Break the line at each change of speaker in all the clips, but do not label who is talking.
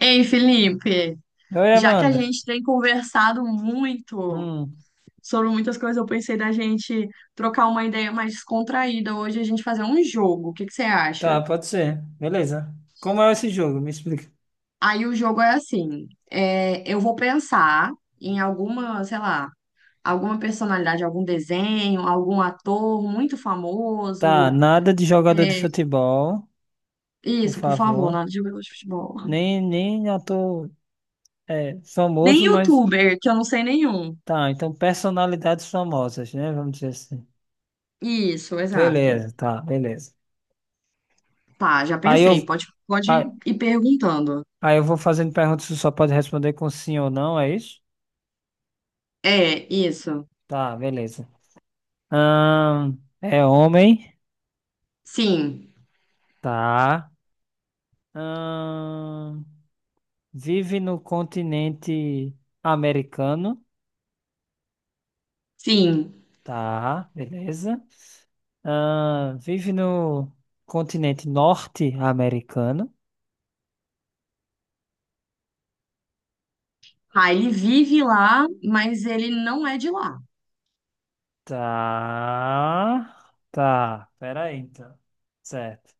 Ei, Felipe,
Oi,
já que a
Amanda.
gente tem conversado muito
Hum,
sobre muitas coisas, eu pensei da gente trocar uma ideia mais descontraída hoje, a gente fazer um jogo. O que que você acha?
tá, pode ser. Beleza. Como é esse jogo? Me explica.
Aí o jogo é assim: eu vou pensar em alguma, sei lá, alguma personalidade, algum desenho, algum ator muito
Tá,
famoso.
nada de jogador de
É,
futebol, por
isso, por favor,
favor.
nada de jogador de futebol.
Nem ator
Nem
famoso, mas
youtuber, que eu não sei nenhum.
tá. Então, personalidades famosas, né? Vamos dizer assim.
Isso, exato.
Beleza, tá, beleza.
Tá, já
Aí
pensei.
eu,
Pode,
aí,
pode ir perguntando.
aí eu vou fazendo perguntas, você só pode responder com sim ou não, é isso?
É, isso.
Tá, beleza. Ahn, é homem?
Sim,
Tá. Ahn, vive no continente americano,
sim.
tá, beleza. Ah, vive no continente norte-americano,
Ah, ele vive lá, mas ele não é de lá.
tá, tá, peraí então, certo.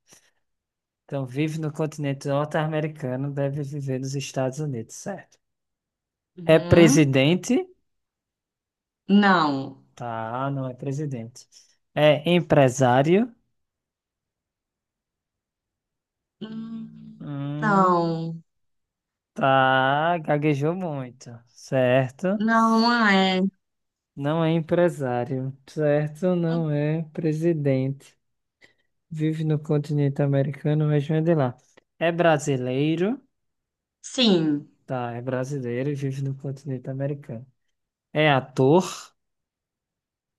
Então, vive no continente norte-americano, deve viver nos Estados Unidos, certo. É
Uhum.
presidente,
Não.
tá, não é presidente. É empresário.
Hum,
Hum.
não.
Tá, gaguejou muito, certo.
Não, não é.
Não é empresário, certo? Não é presidente. Vive no continente americano, mas não é de lá. É brasileiro,
Sim.
tá? É brasileiro e vive no continente americano. É ator,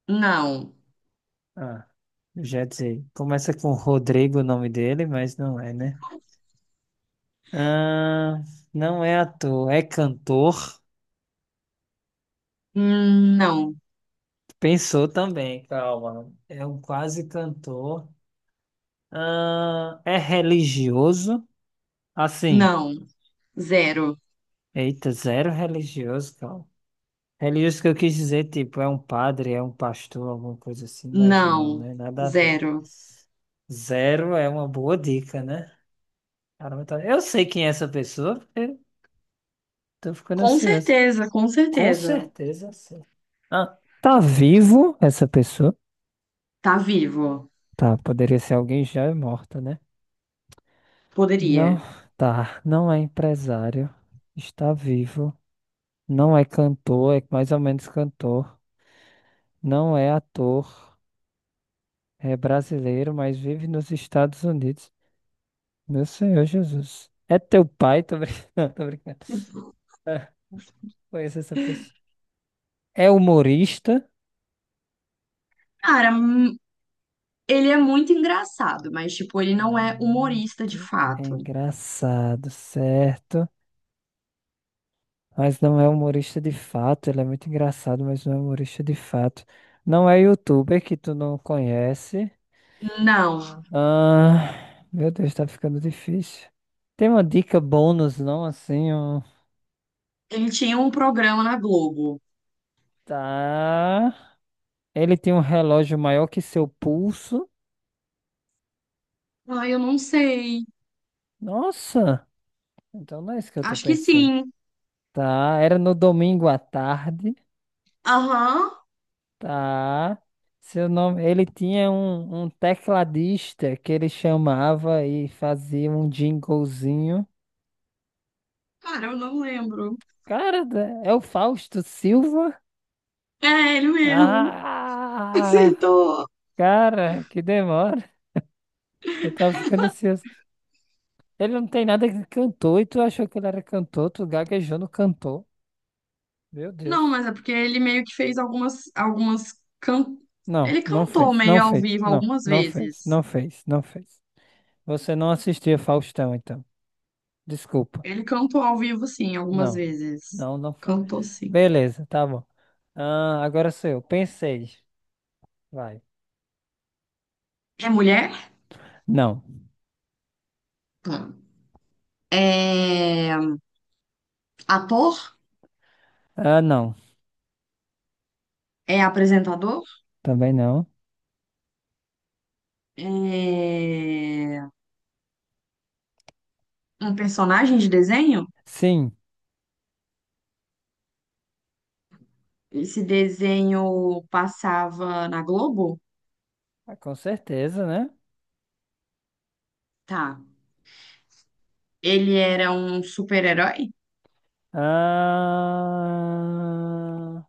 Não.
ah, eu já ia dizer. Começa com Rodrigo o nome dele, mas não é, né? Ah, não é ator, é cantor.
Não.
Pensou também, calma. É um quase cantor. Ah, é religioso, assim.
Não. Zero.
Eita, zero religioso, cara. Religioso que eu quis dizer, tipo, é um padre, é um pastor, alguma coisa assim, mas não,
Não.
né? Nada a ver.
Zero.
Zero é uma boa dica, né? Caramba, eu sei quem é essa pessoa, porque tô ficando
Com
ansioso.
certeza, com
Com
certeza.
certeza, sim. Ah, tá vivo essa pessoa?
Tá vivo.
Tá, poderia ser alguém já morto, né?
Poderia.
Não, tá. Não é empresário. Está vivo. Não é cantor, é mais ou menos cantor. Não é ator. É brasileiro, mas vive nos Estados Unidos. Meu Senhor Jesus. É teu pai? Tô brincando, tô brincando. Ah, conheço essa pessoa. É humorista.
Cara, ele é muito engraçado, mas, tipo, ele
Ela
não
é
é humorista de
muito
fato.
engraçado, certo? Mas não é humorista de fato. Ele é muito engraçado, mas não é humorista de fato. Não é youtuber que tu não conhece.
Não.
Ah, meu Deus, tá ficando difícil. Tem uma dica bônus, não? Assim, um.
Ele tinha um programa na Globo.
Tá. Ele tem um relógio maior que seu pulso.
Ai, eu não sei.
Nossa! Então não é isso que eu tô
Acho que
pensando.
sim.
Tá, era no domingo à tarde.
Aham.
Tá. Seu nome. Ele tinha um tecladista que ele chamava e fazia um jinglezinho.
Cara, eu não lembro.
Cara, é o Fausto Silva?
É, ele mesmo.
Ah!
Acertou.
Cara, que demora. Eu tava ficando ansioso. Ele não tem nada que cantou e tu achou que ele era cantor, tu gaguejou no cantor. Meu
Não,
Deus.
mas é porque ele meio que fez algumas can...
Não,
Ele
não
cantou
fez, não
meio ao
fez,
vivo
não,
algumas
não fez,
vezes.
não fez, não fez. Você não assistia Faustão, então. Desculpa.
Ele cantou ao vivo, sim, algumas
Não,
vezes.
não, não foi.
Cantou, sim.
Beleza, tá bom. Ah, agora sou eu. Pensei. Vai.
É mulher?
Não.
Tá. É ator?
Ah, não.
É apresentador?
Também não.
é, Um personagem de desenho.
Sim.
Esse desenho passava na Globo,
Ah, com certeza, né?
tá? Ele era um super-herói?
Ah,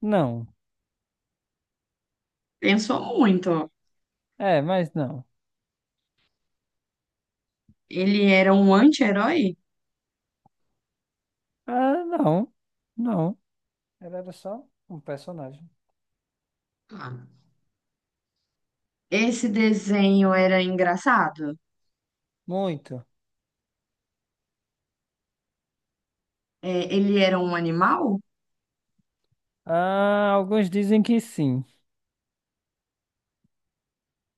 não.
Pensou muito, ó.
É, mas não.
Ele era um anti-herói?
Ah, não. Não. Ela era só um personagem.
Ah. Esse desenho era engraçado?
Muito.
É, ele era um animal?
Ah, alguns dizem que sim.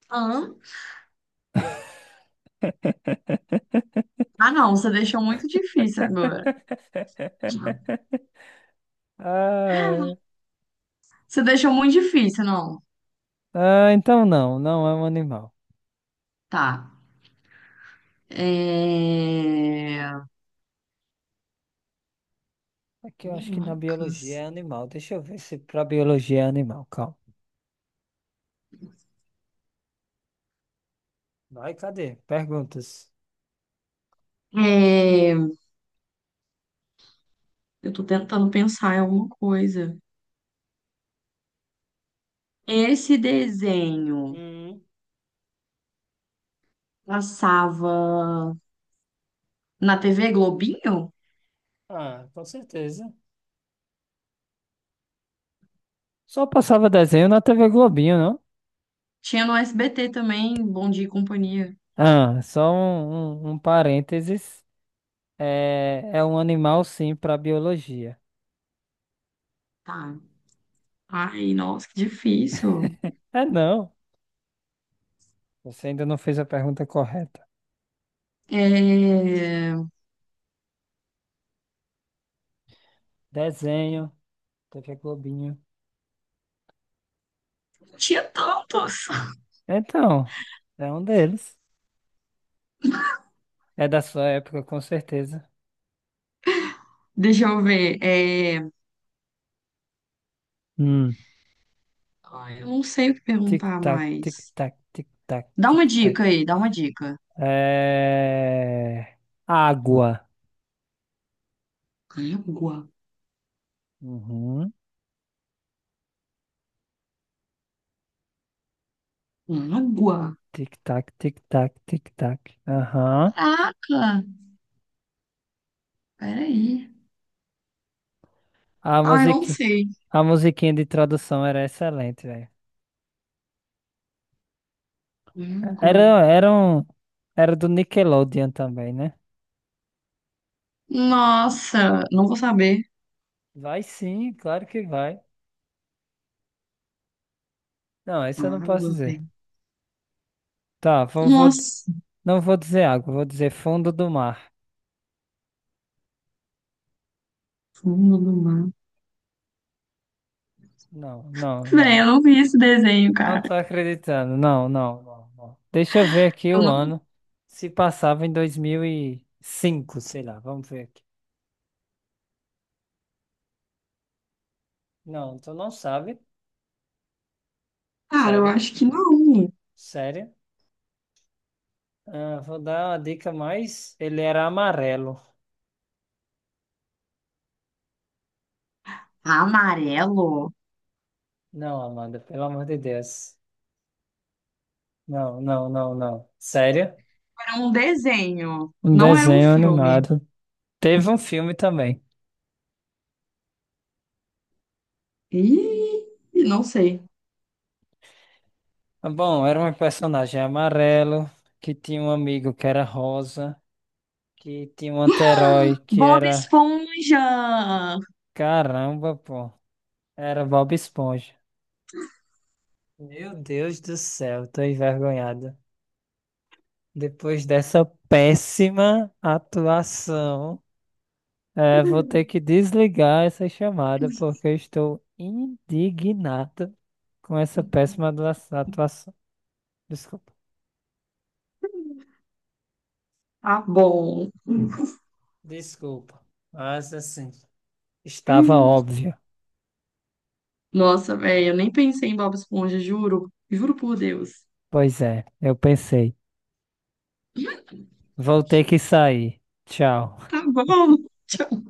Hã? Ah, não, você deixou muito difícil agora.
Ah,
Você deixou muito difícil, não.
ah, então não, não é um animal.
Tá. É...
Aqui eu acho que na biologia é
Minhocas.
animal. Deixa eu ver se pra biologia é animal. Calma. Vai, cadê? Perguntas.
É... Eu tô tentando pensar em alguma coisa. Esse desenho
Hum.
passava na TV Globinho?
Ah, com certeza. Só passava desenho na TV Globinho, não?
Tinha no SBT também, Bom Dia e Companhia.
Ah, só um parênteses. É um animal, sim, para biologia.
Tá. Ai, nossa, que difícil.
É não. Você ainda não fez a pergunta correta.
É...
Desenho, TV Globinho.
Tinha tantos.
Então, é um deles. É da sua época, com certeza.
Deixa eu ver.
Hum.
Ai, eu não sei o que perguntar
Tic-tac,
mais.
tic-tac, tic-tac,
Dá uma
tic-tac.
dica aí, dá uma dica.
É... Água.
Água.
Uhum.
Água.
Tic-tac, tic-tac, tic-tac. Aham.
Caraca. Peraí.
A
Ai, não
musiqui...
sei.
A musiquinha de tradução era excelente, velho.
Água.
Era, era um... Era do Nickelodeon também, né?
Nossa, não vou saber.
Vai sim, claro que vai. Não, isso eu não posso
Água,
dizer.
velho.
Tá,
Nossa,
não vou dizer água, vou dizer fundo do mar.
fundo do mar.
Não, não,
Véi, eu
não.
não vi esse desenho,
Não
cara.
tô acreditando. Não, não, não, não. Deixa eu ver aqui
Eu
o
não...
ano. Se passava em 2005, sei lá. Vamos ver aqui. Não, tu não sabe.
Cara, eu
Sério,
acho que não.
sério. Ah, vou dar uma dica mais. Ele era amarelo.
Amarelo?
Não, Amanda, pelo amor de Deus. Não, não, não, não. Sério?
Era um desenho,
Um
não era um
desenho
filme.
animado. Teve um filme também.
Ih, não sei.
Ah, bom, era um personagem amarelo que tinha um amigo que era rosa. Que tinha um anti-herói que
Bob
era.
Esponja!
Caramba, pô. Era Bob Esponja. Meu Deus do céu, tô envergonhado. Depois dessa péssima atuação, vou ter que desligar essa chamada porque eu estou indignado com essa péssima atuação. Desculpa.
Tá bom.
Desculpa. Mas assim, estava óbvio.
Nossa, velho, eu nem pensei em Bob Esponja, juro. Juro por Deus.
Pois é, eu pensei. Vou ter que sair. Tchau.
Tá bom. Tchau.